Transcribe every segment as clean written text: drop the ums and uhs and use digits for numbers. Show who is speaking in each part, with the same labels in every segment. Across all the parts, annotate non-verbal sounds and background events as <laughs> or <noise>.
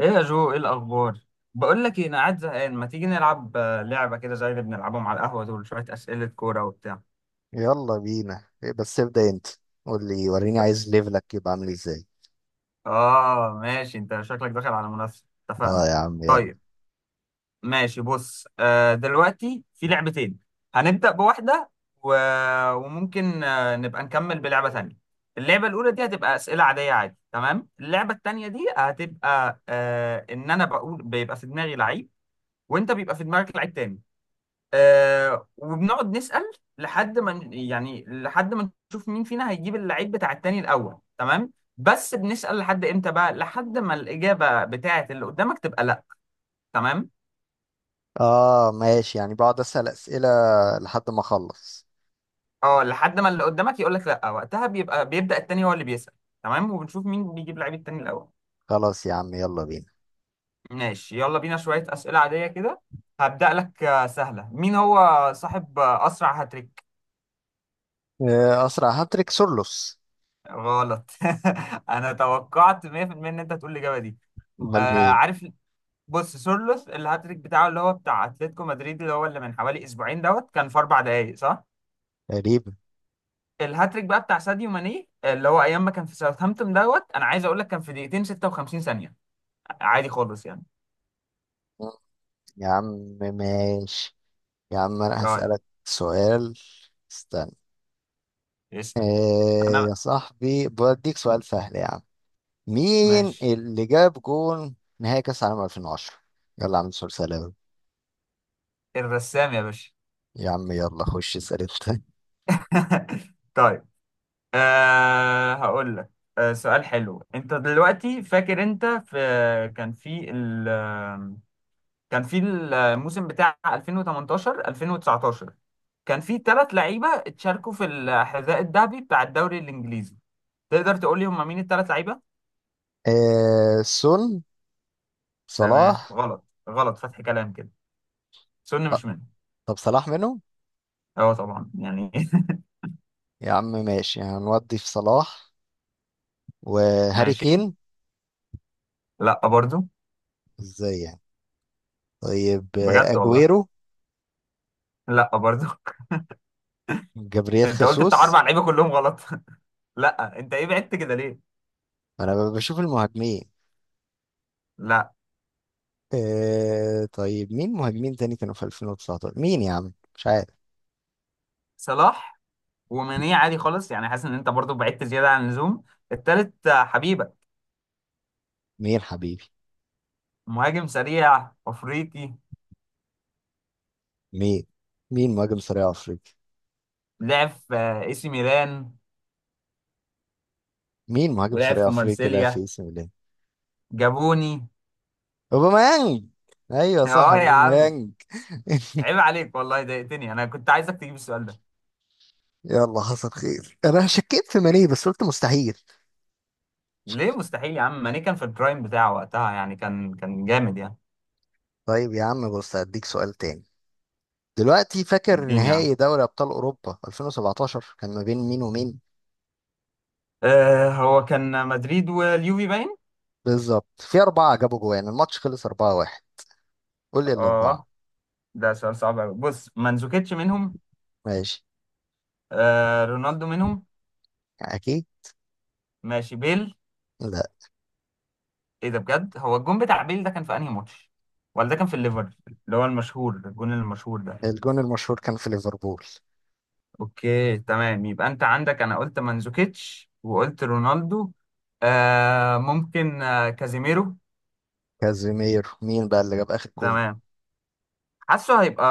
Speaker 1: ايه يا جو، ايه الاخبار؟ بقول لك ايه، انا قاعد زهقان. ما تيجي نلعب لعبه كده زي اللي بنلعبهم على القهوه، دول شويه اسئله كوره وبتاع.
Speaker 2: يلا بينا، إيه بس؟ ابدأ انت. قول لي وريني، عايز ليفلك يبقى عامل ازاي.
Speaker 1: اه ماشي، انت شكلك داخل على منافسه.
Speaker 2: اه
Speaker 1: اتفقنا.
Speaker 2: يا عم يلا.
Speaker 1: طيب، ماشي. بص، دلوقتي في لعبتين. هنبدا بواحده و... وممكن نبقى نكمل بلعبه تانية. اللعبه الاولى دي هتبقى اسئله عاديه، عادي تمام. اللعبه التانية دي هتبقى ان انا بقول بيبقى في دماغي لعيب، وانت بيبقى في دماغك لعيب تاني. وبنقعد نسأل لحد ما يعني لحد ما نشوف مين فينا هيجيب اللعيب بتاع التاني الأول. تمام. بس بنسأل لحد امتى بقى؟ لحد ما الإجابة بتاعة اللي قدامك تبقى لا. تمام.
Speaker 2: اه ماشي، يعني بقعد اسأل اسئلة لحد ما اخلص.
Speaker 1: اه، لحد ما اللي قدامك يقول لك لا، وقتها بيبقى بيبدأ التاني هو اللي بيسأل. تمام، وبنشوف مين بيجيب لعيب التاني الأول.
Speaker 2: خلاص يا عم، يلا بينا.
Speaker 1: ماشي، يلا بينا. شوية أسئلة عادية كده. هبدأ لك، سهلة. مين هو صاحب أسرع هاتريك؟
Speaker 2: اسرع هاتريك سورلوس.
Speaker 1: غلط. <laughs> أنا توقعت 100% إن أنت هتقول الإجابة دي.
Speaker 2: امال
Speaker 1: آه
Speaker 2: مين؟
Speaker 1: عارف. بص، سورلوث الهاتريك بتاعه، اللي هو بتاع اتلتيكو مدريد، اللي هو اللي من حوالي اسبوعين دوت، كان في 4 دقائق صح؟
Speaker 2: تقريبا.
Speaker 1: الهاتريك بقى بتاع ساديو ماني، اللي هو ايام ما كان في ساوثهامبتون دوت، انا عايز اقول لك كان في دقيقتين 56 ثانية. عادي خالص يعني.
Speaker 2: مم. يا عم ماشي. يا عم انا
Speaker 1: طيب
Speaker 2: هسألك سؤال، استنى.
Speaker 1: اسأل
Speaker 2: آه
Speaker 1: انا.
Speaker 2: يا صاحبي بديك سؤال سهل يا عم. مين
Speaker 1: ماشي.
Speaker 2: اللي جاب جون نهائي كأس العالم 2010؟ يلا يا عم سؤال سهل أوي.
Speaker 1: الرسام يا باشا.
Speaker 2: يا عم يلا خش اسأل انت.
Speaker 1: <laughs> طيب. هقول لك. سؤال حلو. انت دلوقتي فاكر؟ انت في كان في كان في الموسم بتاع 2018 2019 كان في ثلاث لعيبه اتشاركوا في الحذاء الذهبي بتاع الدوري الانجليزي. تقدر تقول لي هم مين الثلاث لعيبه؟
Speaker 2: سون،
Speaker 1: تمام.
Speaker 2: صلاح.
Speaker 1: غلط غلط، فتح كلام كده. سن
Speaker 2: ط-
Speaker 1: مش منه.
Speaker 2: طب صلاح منهم؟
Speaker 1: اه طبعا يعني. <laughs>
Speaker 2: يا عم ماشي، هنودي في صلاح وهاري
Speaker 1: ماشي.
Speaker 2: كين.
Speaker 1: لا برضو.
Speaker 2: ازاي يعني؟ طيب،
Speaker 1: بجد والله،
Speaker 2: اجويرو.
Speaker 1: لا برضو. <laughs>
Speaker 2: جابرييل
Speaker 1: انت قلت
Speaker 2: خيسوس.
Speaker 1: بتاع اربع لعيبه كلهم غلط. <laughs> لا انت ايه، بعدت كده ليه؟
Speaker 2: انا بشوف المهاجمين.
Speaker 1: لا،
Speaker 2: طيب مين مهاجمين تاني كانوا في 2019؟ مين يا عم مش عارف.
Speaker 1: صلاح وماني عادي خالص يعني، حاسس ان انت برضو بعدت زياده عن اللزوم. التالت حبيبه.
Speaker 2: مين حبيبي؟
Speaker 1: مهاجم سريع افريقي،
Speaker 2: مين مين مهاجم سريع افريقي؟
Speaker 1: لعب في اي سي ميلان
Speaker 2: مين مهاجم
Speaker 1: ولعب
Speaker 2: سريع
Speaker 1: في
Speaker 2: افريقي؟ لا في
Speaker 1: مارسيليا.
Speaker 2: اسم الله.
Speaker 1: جابوني.
Speaker 2: اوباميانج. ايوه صح
Speaker 1: اه يا عم،
Speaker 2: اوباميانج.
Speaker 1: عيب عليك والله، ضايقتني، انا كنت عايزك تجيب السؤال ده.
Speaker 2: يلا حصل خير، انا شكيت في ماني بس قلت مستحيل.
Speaker 1: ليه مستحيل يا عم؟ ماني كان في البرايم بتاعه وقتها يعني، كان جامد يعني.
Speaker 2: طيب يا عم بص، هديك سؤال تاني. دلوقتي فاكر
Speaker 1: الدين يا عم.
Speaker 2: نهائي دوري ابطال اوروبا 2017 كان ما بين مين ومين؟
Speaker 1: هو كان مدريد واليوفي باين.
Speaker 2: بالظبط، في اربعه جابوا جوان، الماتش خلص 4-1. قول لي الاربعه.
Speaker 1: اه ده سؤال صعب قوي. بص، مانزوكيتش منهم.
Speaker 2: ماشي.
Speaker 1: رونالدو منهم.
Speaker 2: اكيد.
Speaker 1: ماشي، بيل.
Speaker 2: لا،
Speaker 1: ايه ده بجد؟ هو الجون بتاع بيل ده كان في انهي ماتش؟ ولا ده كان في الليفر، اللي هو المشهور، الجون المشهور ده؟
Speaker 2: الجون المشهور كان في ليفربول.
Speaker 1: اوكي تمام. يبقى انت عندك انا قلت مانزوكيتش وقلت رونالدو. ممكن كازيميرو.
Speaker 2: كازيمير. مين بقى اللي جاب اخر جون؟
Speaker 1: تمام. حاسه هيبقى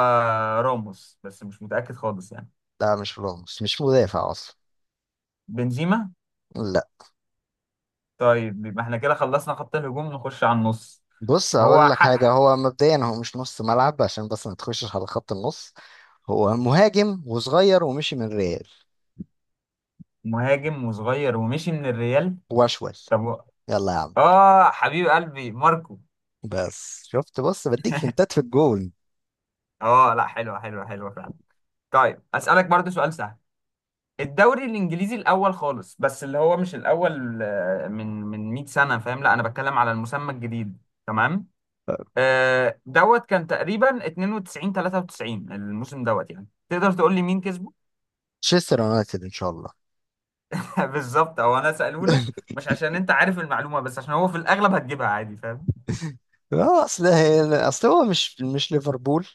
Speaker 1: راموس، بس مش متأكد خالص يعني.
Speaker 2: لا مش راموس، مش مدافع اصلا.
Speaker 1: بنزيما.
Speaker 2: لا.
Speaker 1: طيب يبقى احنا كده خلصنا خط الهجوم، نخش على النص.
Speaker 2: بص اقول
Speaker 1: هو
Speaker 2: لك حاجه،
Speaker 1: حق.
Speaker 2: هو مبدئيا هو مش نص ملعب عشان بس ما تخشش على خط النص. هو مهاجم وصغير ومشي من ريال.
Speaker 1: مهاجم وصغير ومشي من الريال.
Speaker 2: واشول.
Speaker 1: طب و-
Speaker 2: يلا يا عم.
Speaker 1: اه، حبيب قلبي ماركو.
Speaker 2: بس شفت؟ بص بديك هنتات
Speaker 1: <laughs>
Speaker 2: في الجون.
Speaker 1: اه لا، حلوة حلوة حلوة فعلا. طيب اسألك برضو سؤال سهل. الدوري الانجليزي الاول خالص، بس اللي هو مش الاول، من 100 سنه، فاهم؟ لا انا بتكلم على المسمى الجديد. تمام. دوت كان تقريبا 92 93 الموسم دوت، يعني تقدر تقول لي مين كسبه؟
Speaker 2: تشيستر يونايتد ان شاء الله.
Speaker 1: <laughs> بالظبط. او انا سأله لك مش عشان انت عارف المعلومه، بس عشان هو في الاغلب هتجيبها عادي، فاهم؟
Speaker 2: اه اصل هو مش ليفربول.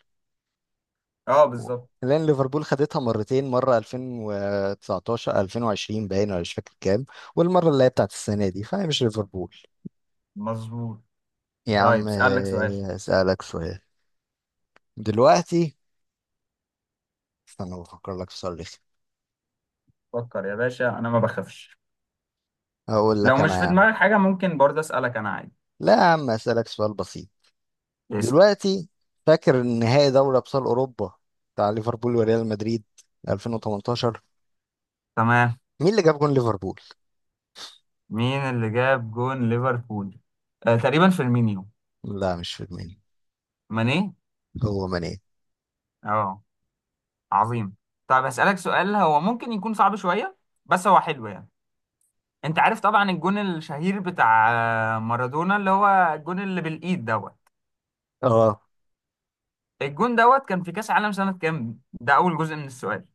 Speaker 1: اه بالظبط.
Speaker 2: لان ليفربول خدتها مرتين، مره 2019 2020 باين ولا مش فاكر كام. والمره اللي هي بتاعت السنه دي فهي مش ليفربول.
Speaker 1: مظبوط.
Speaker 2: يا
Speaker 1: طيب
Speaker 2: عم،
Speaker 1: اسالك سؤال.
Speaker 2: اسالك سؤال. دلوقتي استنى، بفكر لك في سؤال.
Speaker 1: فكر يا باشا، انا ما بخافش.
Speaker 2: هقول
Speaker 1: لو
Speaker 2: لك
Speaker 1: مش
Speaker 2: انا
Speaker 1: في
Speaker 2: يا عم.
Speaker 1: دماغك حاجه ممكن برضه اسالك انا عادي.
Speaker 2: لا يا عم اسالك سؤال بسيط.
Speaker 1: اسال.
Speaker 2: دلوقتي فاكر نهائي دوري ابطال اوروبا بتاع ليفربول وريال مدريد 2018؟
Speaker 1: تمام.
Speaker 2: مين اللي جاب جون ليفربول؟
Speaker 1: مين اللي جاب جون ليفربول؟ تقريبا فيرمينيو.
Speaker 2: لا مش في دماغي.
Speaker 1: ماني.
Speaker 2: هو ماني.
Speaker 1: اه عظيم. طب هسألك سؤال، هو ممكن يكون صعب شوية بس هو حلو يعني. انت عارف طبعا الجون الشهير بتاع مارادونا، اللي هو الجون اللي بالإيد دوت.
Speaker 2: اه.
Speaker 1: الجون دوت كان في كأس عالم سنة كام؟ ده أول جزء من السؤال.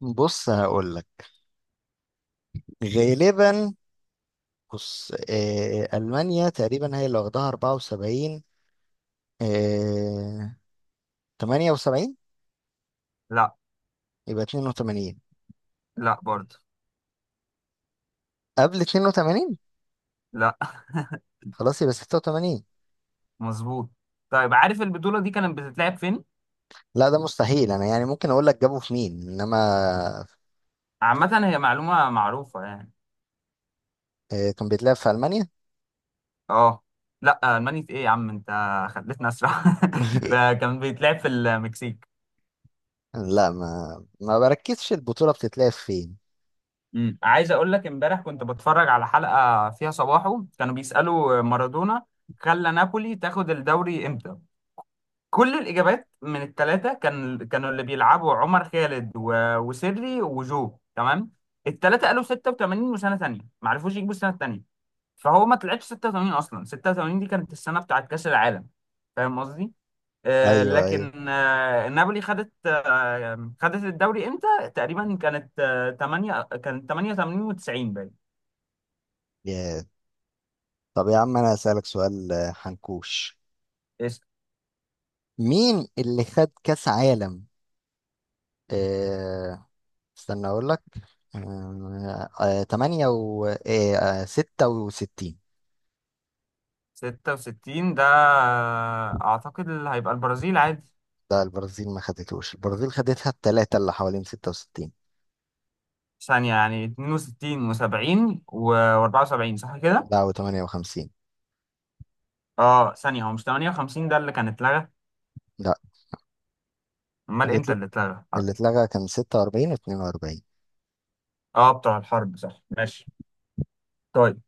Speaker 2: بص هقول لك غالبا. بص المانيا تقريبا هي اللي واخدها 74. آه 78.
Speaker 1: لا.
Speaker 2: يبقى 82.
Speaker 1: لا برضه.
Speaker 2: قبل 82.
Speaker 1: لا.
Speaker 2: خلاص يبقى 86.
Speaker 1: <laughs> مظبوط. طيب عارف البطولة دي كانت بتتلعب فين؟
Speaker 2: لا ده مستحيل، انا يعني ممكن اقول لك جابوا في مين انما.
Speaker 1: عامة هي معلومة معروفة يعني.
Speaker 2: إيه، كان بيتلعب في ألمانيا.
Speaker 1: اه لا، الماني في ايه يا عم انت؟ خليتنا اسرع. <laughs>
Speaker 2: <laughs>
Speaker 1: كان بيتلعب في المكسيك.
Speaker 2: لا، ما بركزش البطولة بتتلعب فين.
Speaker 1: عايز اقول لك امبارح كنت بتفرج على حلقه فيها صباحه، كانوا بيسالوا مارادونا خلى نابولي تاخد الدوري امتى. كل الاجابات من الثلاثه كانوا اللي بيلعبوا عمر خالد وسيري وجو، تمام. الثلاثه قالوا 86 وسنه ثانيه ما عرفوش يجيبوا السنه الثانيه. فهو ما طلعتش 86، اصلا 86 دي كانت السنه بتاعت كاس العالم، فاهم قصدي؟
Speaker 2: ايوه ايوه.
Speaker 1: لكن نابولي خدت الدوري امتى؟ تقريبا كانت، 8 كانت 88 و90 باين.
Speaker 2: يا. طب يا عم انا هسألك سؤال، حنكوش.
Speaker 1: إيش؟
Speaker 2: مين اللي خد كأس عالم، آه، استنى اقول لك، 8 و 66؟
Speaker 1: 66 ده اعتقد اللي هيبقى البرازيل عادي.
Speaker 2: لا، البرازيل ما خدتوش. البرازيل خدتها الثلاثة اللي حوالين 66.
Speaker 1: ثانية يعني 62 و70 و74، صح كده؟
Speaker 2: لا، و 58.
Speaker 1: اه ثانية، هو مش 58 ده اللي كان اتلغى؟
Speaker 2: لا،
Speaker 1: امال
Speaker 2: اللي
Speaker 1: امتى
Speaker 2: اتل-
Speaker 1: اللي اتلغى؟
Speaker 2: اللي اتلغى كان 46 و 42.
Speaker 1: اه بتوع الحرب صح، ماشي. طيب.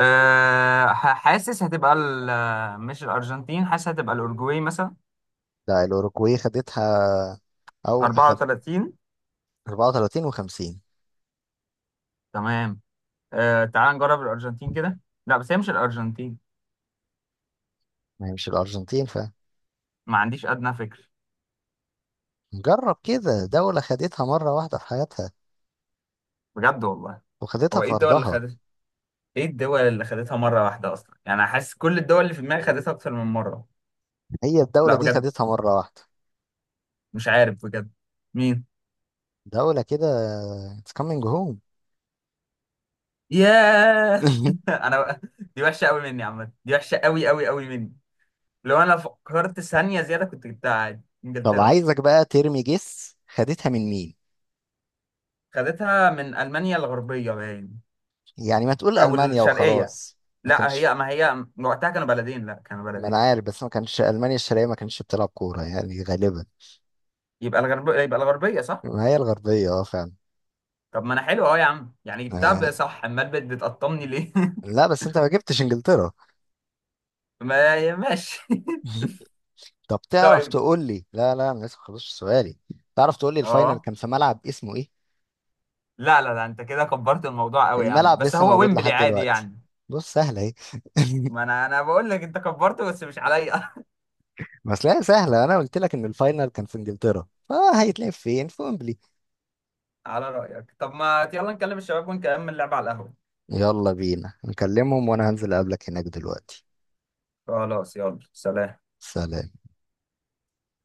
Speaker 1: حاسس هتبقى مش الأرجنتين، حاسس هتبقى الأورجواي مثلا.
Speaker 2: لا، الأوروجواي خدتها. او
Speaker 1: 34.
Speaker 2: 34 و50.
Speaker 1: تمام. تعال نجرب الارجنتين كده. لا بس هي مش الارجنتين.
Speaker 2: ما هي مش الأرجنتين ف.
Speaker 1: ما عنديش ادنى فكر.
Speaker 2: جرب كده، دولة خدتها مرة واحدة في حياتها،
Speaker 1: بجد والله.
Speaker 2: وخدتها
Speaker 1: هو ايه
Speaker 2: في
Speaker 1: الدول اللي
Speaker 2: أرضها.
Speaker 1: خدت ايه الدول اللي خدتها مره واحده اصلا، يعني أنا حاسس كل الدول اللي في دماغي خدتها اكتر من مره.
Speaker 2: هي الدولة
Speaker 1: لا
Speaker 2: دي
Speaker 1: بجد،
Speaker 2: خدتها مرة واحدة.
Speaker 1: مش عارف بجد. مين؟
Speaker 2: دولة كده. It's coming home.
Speaker 1: ياه.
Speaker 2: <laughs>
Speaker 1: <laughs> انا بقى، دي وحشه قوي مني يا عم، دي وحشه قوي قوي قوي مني. لو انا فكرت ثانيه زياده كنت جبتها عادي،
Speaker 2: طب
Speaker 1: انجلترا.
Speaker 2: عايزك بقى ترمي جس، خدتها من مين؟
Speaker 1: خدتها من المانيا الغربيه باين،
Speaker 2: يعني ما تقول
Speaker 1: او
Speaker 2: ألمانيا
Speaker 1: الشرقيه.
Speaker 2: وخلاص. ما
Speaker 1: لا
Speaker 2: كانش.
Speaker 1: هي، ما هي وقتها كانوا بلدين، لا كانوا
Speaker 2: ما أنا
Speaker 1: بلدين.
Speaker 2: عارف، بس ما كانش ألمانيا الشرقية ما كانتش بتلعب كورة يعني غالبا.
Speaker 1: يبقى الغربية صح؟
Speaker 2: ما هي الغربية اه فعلا.
Speaker 1: طب ما انا حلو اهو يا عم يعني، جبتها
Speaker 2: آه،
Speaker 1: بقى صح، امال بتقطمني ليه؟ <laughs>
Speaker 2: لا بس انت ما جبتش انجلترا.
Speaker 1: ما ماشي.
Speaker 2: <laughs> طب
Speaker 1: <laughs>
Speaker 2: تعرف
Speaker 1: طيب.
Speaker 2: تقول لي؟ لا لا، انا لسه ما خلصتش سؤالي. تعرف تقول لي الفاينل
Speaker 1: اه
Speaker 2: كان في ملعب اسمه ايه؟
Speaker 1: لا لا لا، انت كده كبرت الموضوع قوي يا عم،
Speaker 2: الملعب
Speaker 1: بس
Speaker 2: لسه
Speaker 1: هو
Speaker 2: موجود
Speaker 1: ويمبلي
Speaker 2: لحد
Speaker 1: عادي
Speaker 2: دلوقتي.
Speaker 1: يعني.
Speaker 2: بص سهله اهي.
Speaker 1: ما
Speaker 2: <laughs>
Speaker 1: انا بقول لك انت كبرته، بس مش عليا.
Speaker 2: بس لا، سهله. انا قلت لك ان الفاينل كان في انجلترا، فهيتلعب فين؟ في ويمبلي.
Speaker 1: <laughs> على رأيك. طب ما يلا نكلم الشباب ونكمل اللعب على القهوة.
Speaker 2: يلا بينا نكلمهم وانا هنزل اقابلك هناك دلوقتي.
Speaker 1: خلاص يلا، سلام.
Speaker 2: سلام.